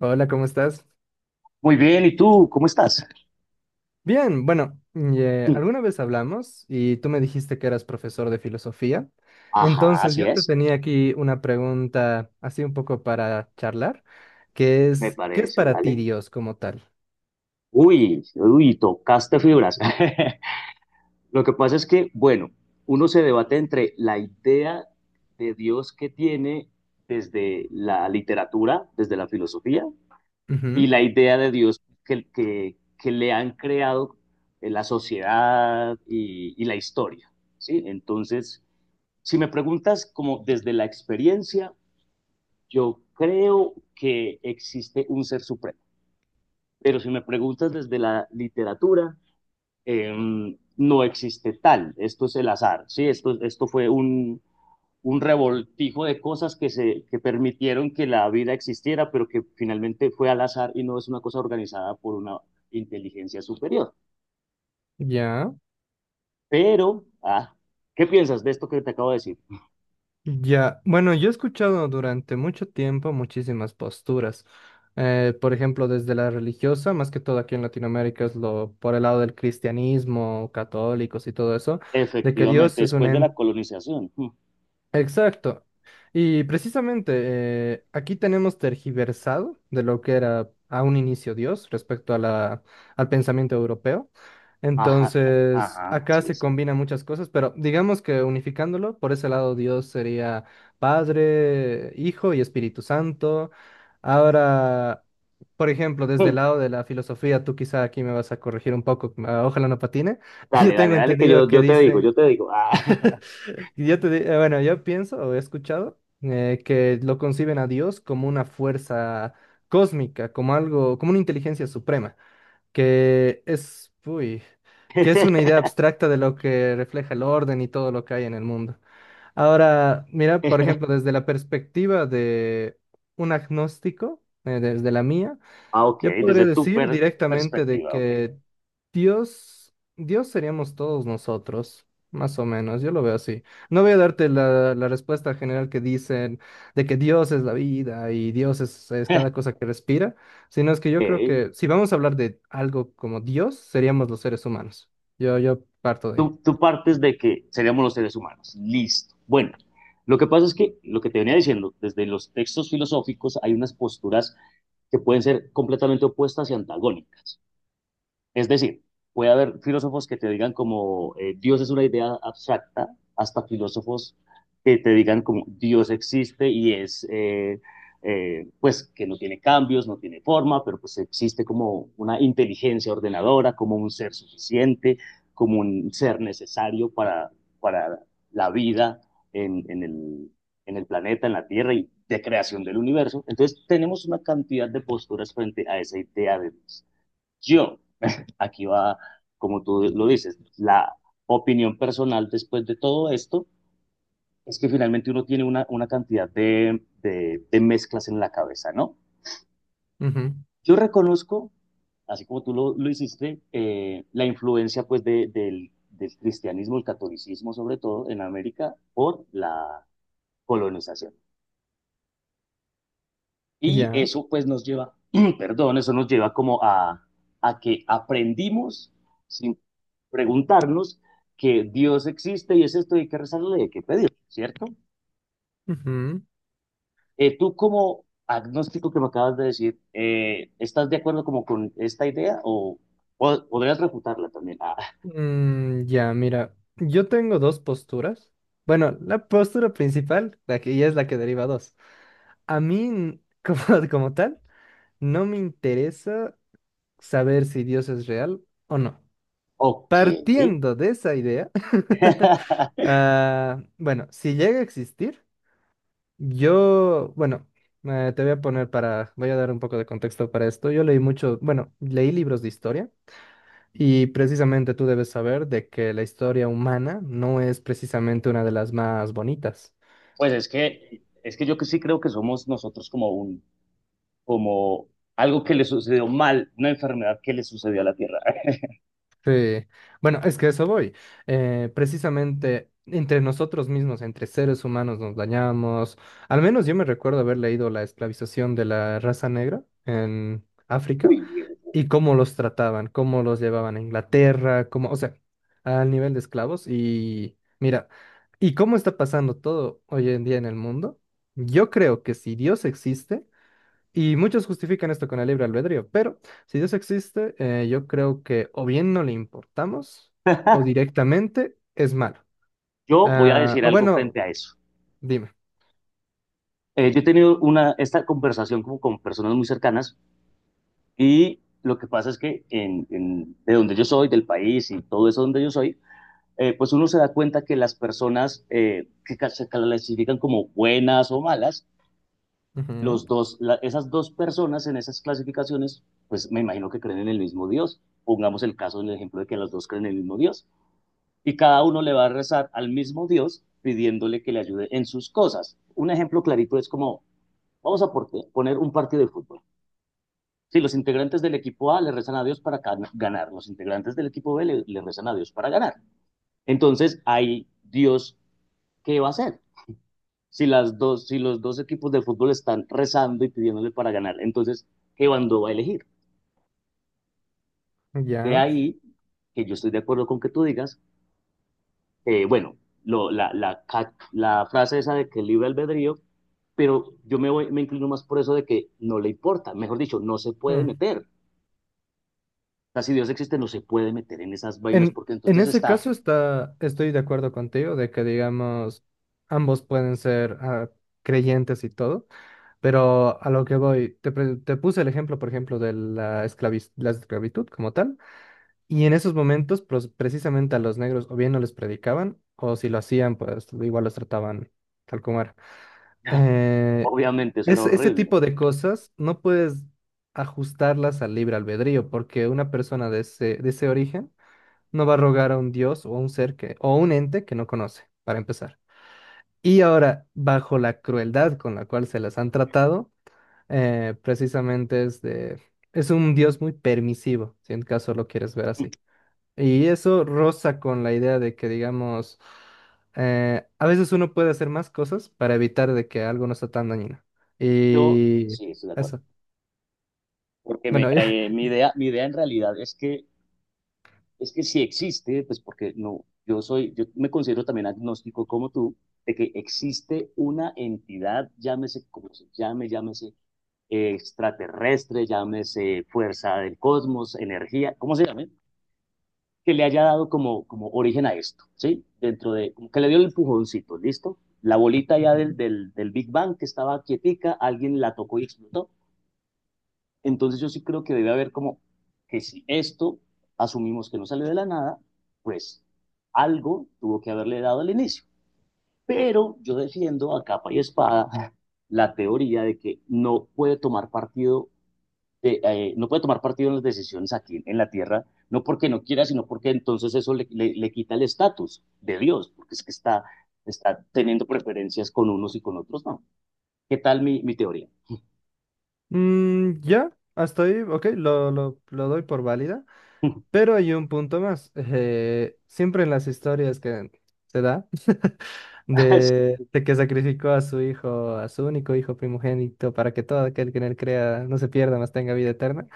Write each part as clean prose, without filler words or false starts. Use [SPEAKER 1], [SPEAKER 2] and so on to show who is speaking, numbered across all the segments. [SPEAKER 1] Hola, ¿cómo estás?
[SPEAKER 2] Muy bien, ¿y tú? ¿Cómo estás?
[SPEAKER 1] Bien, bueno, y, alguna vez hablamos y tú me dijiste que eras profesor de filosofía.
[SPEAKER 2] Ajá,
[SPEAKER 1] Entonces
[SPEAKER 2] así
[SPEAKER 1] yo te
[SPEAKER 2] es,
[SPEAKER 1] tenía aquí una pregunta así un poco para charlar, que
[SPEAKER 2] me
[SPEAKER 1] es, ¿qué es
[SPEAKER 2] parece,
[SPEAKER 1] para ti
[SPEAKER 2] ¿vale?
[SPEAKER 1] Dios como tal?
[SPEAKER 2] Uy, uy, tocaste fibras. Lo que pasa es que, bueno, uno se debate entre la idea de Dios que tiene desde la literatura, desde la filosofía, y
[SPEAKER 1] Ujú.
[SPEAKER 2] la idea de Dios que le han creado la sociedad y la historia, ¿sí? Entonces, si me preguntas como desde la experiencia, yo creo que existe un ser supremo, pero si me preguntas desde la literatura, eh, no existe tal, esto es el azar, ¿sí? Esto fue un revoltijo de cosas que, se, que permitieron que la vida existiera, pero que finalmente fue al azar y no es una cosa organizada por una inteligencia superior.
[SPEAKER 1] Ya,
[SPEAKER 2] Pero, ¿qué piensas de esto que te acabo de decir?
[SPEAKER 1] ya. Bueno, yo he escuchado durante mucho tiempo muchísimas posturas. Por ejemplo, desde la religiosa, más que todo aquí en Latinoamérica es lo por el lado del cristianismo, católicos y todo eso de que Dios
[SPEAKER 2] Efectivamente,
[SPEAKER 1] es un
[SPEAKER 2] después de la
[SPEAKER 1] ente.
[SPEAKER 2] colonización.
[SPEAKER 1] Exacto. Y precisamente aquí tenemos tergiversado de lo que era a un inicio Dios respecto a al pensamiento europeo.
[SPEAKER 2] Ajá,
[SPEAKER 1] Entonces,
[SPEAKER 2] ajá,
[SPEAKER 1] acá
[SPEAKER 2] sí,
[SPEAKER 1] se
[SPEAKER 2] sí.
[SPEAKER 1] combinan muchas cosas, pero digamos que unificándolo, por ese lado Dios sería Padre, Hijo y Espíritu Santo. Ahora, por ejemplo, desde el lado de la filosofía, tú quizá aquí me vas a corregir un poco, ah, ojalá no patine. Yo
[SPEAKER 2] Dale,
[SPEAKER 1] tengo
[SPEAKER 2] dale, dale, que
[SPEAKER 1] entendido que
[SPEAKER 2] yo te digo, yo
[SPEAKER 1] dicen...
[SPEAKER 2] te digo.
[SPEAKER 1] Bueno, yo pienso o he escuchado que lo conciben a Dios como una fuerza cósmica, como algo, como una inteligencia suprema, que es, uy, que es una idea abstracta de lo que refleja el orden y todo lo que hay en el mundo. Ahora, mira, por ejemplo, desde la perspectiva de un agnóstico, desde la mía,
[SPEAKER 2] Ah, ok,
[SPEAKER 1] yo podría
[SPEAKER 2] desde tu
[SPEAKER 1] decir directamente de
[SPEAKER 2] perspectiva, ok.
[SPEAKER 1] que Dios seríamos todos nosotros, más o menos, yo lo veo así. No voy a darte la respuesta general que dicen de que Dios es la vida y Dios es cada cosa que respira, sino es que yo creo
[SPEAKER 2] Ok.
[SPEAKER 1] que si vamos a hablar de algo como Dios, seríamos los seres humanos. Yo parto de ahí.
[SPEAKER 2] Tú partes de que seríamos los seres humanos. Listo. Bueno, lo que pasa es que lo que te venía diciendo, desde los textos filosóficos hay unas posturas que pueden ser completamente opuestas y antagónicas. Es decir, puede haber filósofos que te digan como Dios es una idea abstracta, hasta filósofos que te digan como Dios existe y es, pues, que no tiene cambios, no tiene forma, pero pues existe como una inteligencia ordenadora, como un ser suficiente, como un ser necesario para la vida en en el planeta, en la Tierra y de creación del universo. Entonces, tenemos una cantidad de posturas frente a esa idea de Dios yo, aquí va, como tú lo dices, la opinión personal después de todo esto es que finalmente uno tiene una cantidad de mezclas en la cabeza, ¿no?
[SPEAKER 1] Ujú.
[SPEAKER 2] Yo reconozco, así como tú lo hiciste, la influencia pues del cristianismo, el catolicismo sobre todo en América por la colonización. Y
[SPEAKER 1] Ya.
[SPEAKER 2] eso pues nos lleva, perdón, eso nos lleva como a que aprendimos sin preguntarnos que Dios existe y es esto y hay que rezarle, hay que pedir, ¿cierto?
[SPEAKER 1] Ujú.
[SPEAKER 2] Tú como agnóstico que me acabas de decir, ¿estás de acuerdo como con esta idea o podrías refutarla también? Ah,
[SPEAKER 1] Ya, mira, yo tengo dos posturas. Bueno, la postura principal, la que ya es la que deriva dos. A mí, como, como tal, no me interesa saber si Dios es real o no.
[SPEAKER 2] ok.
[SPEAKER 1] Partiendo de esa idea, ah, bueno, si llega a existir, yo, bueno, te voy a poner para, voy a dar un poco de contexto para esto. Yo leí mucho, bueno, leí libros de historia y precisamente tú debes saber de que la historia humana no es precisamente una de las más bonitas.
[SPEAKER 2] Pues es que yo que sí creo que somos nosotros como un, como algo que le sucedió mal, una enfermedad que le sucedió a la Tierra.
[SPEAKER 1] Sí, bueno, es que a eso voy. Precisamente entre nosotros mismos, entre seres humanos, nos dañamos. Al menos yo me recuerdo haber leído la esclavización de la raza negra en África
[SPEAKER 2] Uy,
[SPEAKER 1] y cómo los trataban, cómo los llevaban a Inglaterra, cómo, o sea, al nivel de esclavos. Y mira, ¿y cómo está pasando todo hoy en día en el mundo? Yo creo que si Dios existe y muchos justifican esto con el libre albedrío, pero si Dios existe, yo creo que o bien no le importamos o directamente es malo.
[SPEAKER 2] yo voy a
[SPEAKER 1] Ah,
[SPEAKER 2] decir
[SPEAKER 1] o
[SPEAKER 2] algo
[SPEAKER 1] bueno,
[SPEAKER 2] frente a eso.
[SPEAKER 1] dime.
[SPEAKER 2] Yo he tenido una, esta conversación como con personas muy cercanas y lo que pasa es que de donde yo soy, del país y todo eso donde yo soy, pues uno se da cuenta que las personas que se clasifican como buenas o malas, los dos, la, esas dos personas en esas clasificaciones, pues me imagino que creen en el mismo Dios. Pongamos el caso del ejemplo de que las dos creen en el mismo Dios. Y cada uno le va a rezar al mismo Dios pidiéndole que le ayude en sus cosas. Un ejemplo clarito es como, vamos a poner un partido de fútbol. Si los integrantes del equipo A le rezan a Dios para ganar, los integrantes del equipo B le rezan a Dios para ganar. Entonces, ahí Dios, ¿qué va a hacer? Si, las dos, si los dos equipos de fútbol están rezando y pidiéndole para ganar, entonces, ¿qué bando va a elegir?
[SPEAKER 1] Ujú,
[SPEAKER 2] De
[SPEAKER 1] ya.
[SPEAKER 2] ahí que yo estoy de acuerdo con que tú digas, bueno, la frase esa de que libre albedrío, pero yo me voy, me inclino más por eso de que no le importa, mejor dicho, no se puede
[SPEAKER 1] Mm.
[SPEAKER 2] meter. O sea, si Dios existe, no se puede meter en esas vainas porque
[SPEAKER 1] En
[SPEAKER 2] entonces
[SPEAKER 1] ese
[SPEAKER 2] está,
[SPEAKER 1] caso estoy de acuerdo contigo de que, digamos, ambos pueden ser ah, creyentes y todo, pero a lo que voy, te puse el ejemplo, por ejemplo, de la la esclavitud como tal. Y en esos momentos, precisamente a los negros o bien no les predicaban, o si lo hacían, pues igual los trataban tal como era. Eh,
[SPEAKER 2] obviamente, eso era
[SPEAKER 1] ese
[SPEAKER 2] horrible.
[SPEAKER 1] tipo de cosas no puedes ajustarlas al libre albedrío, porque una persona de ese origen no va a rogar a un dios o a un ser que, o a un ente que no conoce, para empezar. Y ahora, bajo la crueldad con la cual se las han tratado, precisamente es un dios muy permisivo, si en caso lo quieres ver así. Y eso roza con la idea de que, digamos, a veces uno puede hacer más cosas para evitar de que algo no sea tan dañino.
[SPEAKER 2] Yo
[SPEAKER 1] Y
[SPEAKER 2] sí estoy de acuerdo,
[SPEAKER 1] eso.
[SPEAKER 2] porque
[SPEAKER 1] Bueno, ya.
[SPEAKER 2] mi idea en realidad es que si existe, pues porque no, yo soy, yo me considero también agnóstico como tú, de que existe una entidad, llámese como se llame, llámese extraterrestre, llámese fuerza del cosmos, energía, ¿cómo se llame? Que le haya dado como, como origen a esto, ¿sí? Dentro de, como que le dio el empujoncito, ¿listo? La bolita ya
[SPEAKER 1] Ujú.
[SPEAKER 2] del Big Bang que estaba quietica, alguien la tocó y explotó. Entonces yo sí creo que debe haber como que si esto asumimos que no sale de la nada, pues algo tuvo que haberle dado al inicio. Pero yo defiendo a capa y espada la teoría de que no puede tomar partido de, no puede tomar partido en las decisiones aquí en la tierra, no porque no quiera, sino porque entonces eso le quita el estatus de Dios, porque es que está, está teniendo preferencias con unos y con otros, no. ¿Qué tal mi teoría?
[SPEAKER 1] Ya, hasta ahí, ok, lo doy por válida. Pero hay un punto más. Siempre en las historias que se da de que sacrificó a su hijo, a su único hijo primogénito, para que todo aquel que en él crea no se pierda, mas tenga vida eterna.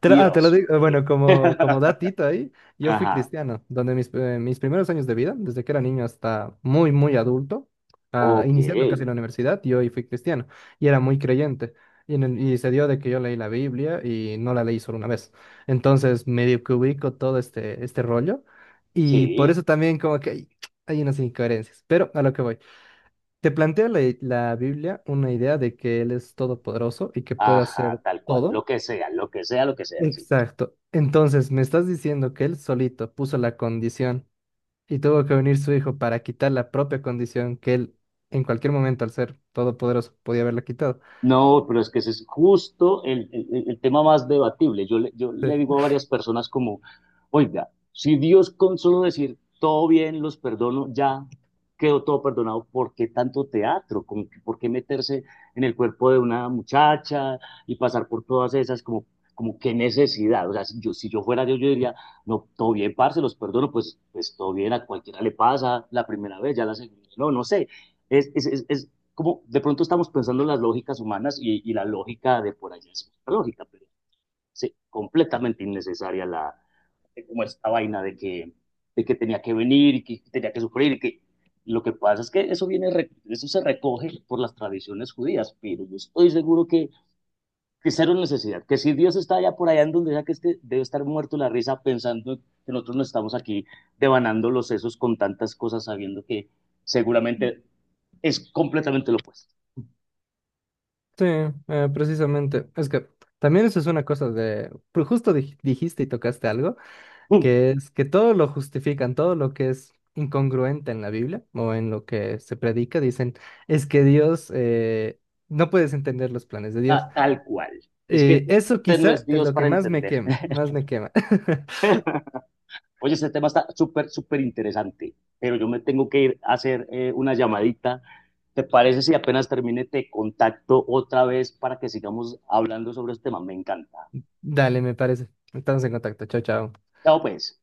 [SPEAKER 1] Te lo
[SPEAKER 2] Dios
[SPEAKER 1] digo,
[SPEAKER 2] mío.
[SPEAKER 1] bueno, como, como datito ahí, yo fui
[SPEAKER 2] Ajá,
[SPEAKER 1] cristiano, donde mis, mis primeros años de vida, desde que era niño hasta muy, muy adulto, ah,
[SPEAKER 2] ok,
[SPEAKER 1] iniciando casi la universidad, yo ahí fui cristiano y era muy creyente. Y, y se dio de que yo leí la Biblia y no la leí solo una vez. Entonces, medio que ubico todo este rollo y por
[SPEAKER 2] sí,
[SPEAKER 1] eso también como que hay unas incoherencias, pero a lo que voy. Te plantea la Biblia una idea de que Él es todopoderoso y que puede hacer
[SPEAKER 2] ajá, tal cual,
[SPEAKER 1] todo.
[SPEAKER 2] lo que sea, lo que sea, lo que sea, sí.
[SPEAKER 1] Exacto. Entonces, me estás diciendo que él solito puso la condición y tuvo que venir su hijo para quitar la propia condición que él en cualquier momento, al ser todopoderoso, podía haberla quitado.
[SPEAKER 2] No, pero es que ese es justo el tema más debatible. Yo yo le digo a varias personas como, oiga, si Dios con solo decir todo bien, los perdono, ya quedó todo perdonado, ¿por qué tanto teatro? ¿Por qué meterse en el cuerpo de una muchacha y pasar por todas esas como, como qué necesidad? O sea, si yo fuera Dios, yo diría, no, todo bien, parce, los perdono, pues, pues todo bien, a cualquiera le pasa la primera vez, ya la segunda, no, no sé. Es como de pronto estamos pensando en las lógicas humanas y la lógica de por allá es otra lógica, pero sí, completamente innecesaria la, como esta vaina de que tenía que venir y que tenía que sufrir y que lo que pasa es que eso viene, eso se recoge por las tradiciones judías, pero yo estoy seguro que cero necesidad, que si Dios está allá por allá en donde sea que esté, debe estar muerto la risa pensando que nosotros no estamos aquí devanando los sesos con tantas cosas sabiendo que seguramente es completamente lo opuesto.
[SPEAKER 1] Sí, precisamente. Es que también eso es una cosa de... pero justo dijiste y tocaste algo, que es que todo lo justifican, todo lo que es incongruente en la Biblia o en lo que se predica, dicen, es que Dios... No puedes entender los planes de
[SPEAKER 2] Ah,
[SPEAKER 1] Dios.
[SPEAKER 2] tal cual. Es que
[SPEAKER 1] Eso
[SPEAKER 2] usted no es
[SPEAKER 1] quizá es
[SPEAKER 2] Dios
[SPEAKER 1] lo que
[SPEAKER 2] para
[SPEAKER 1] más me
[SPEAKER 2] entender.
[SPEAKER 1] quema, más me quema.
[SPEAKER 2] Oye, este tema está súper, súper interesante, pero yo me tengo que ir a hacer una llamadita. ¿Te parece si apenas termine te contacto otra vez para que sigamos hablando sobre este tema? Me encanta.
[SPEAKER 1] Dale, me parece. Estamos en contacto. Chao, chao.
[SPEAKER 2] Chao, pues.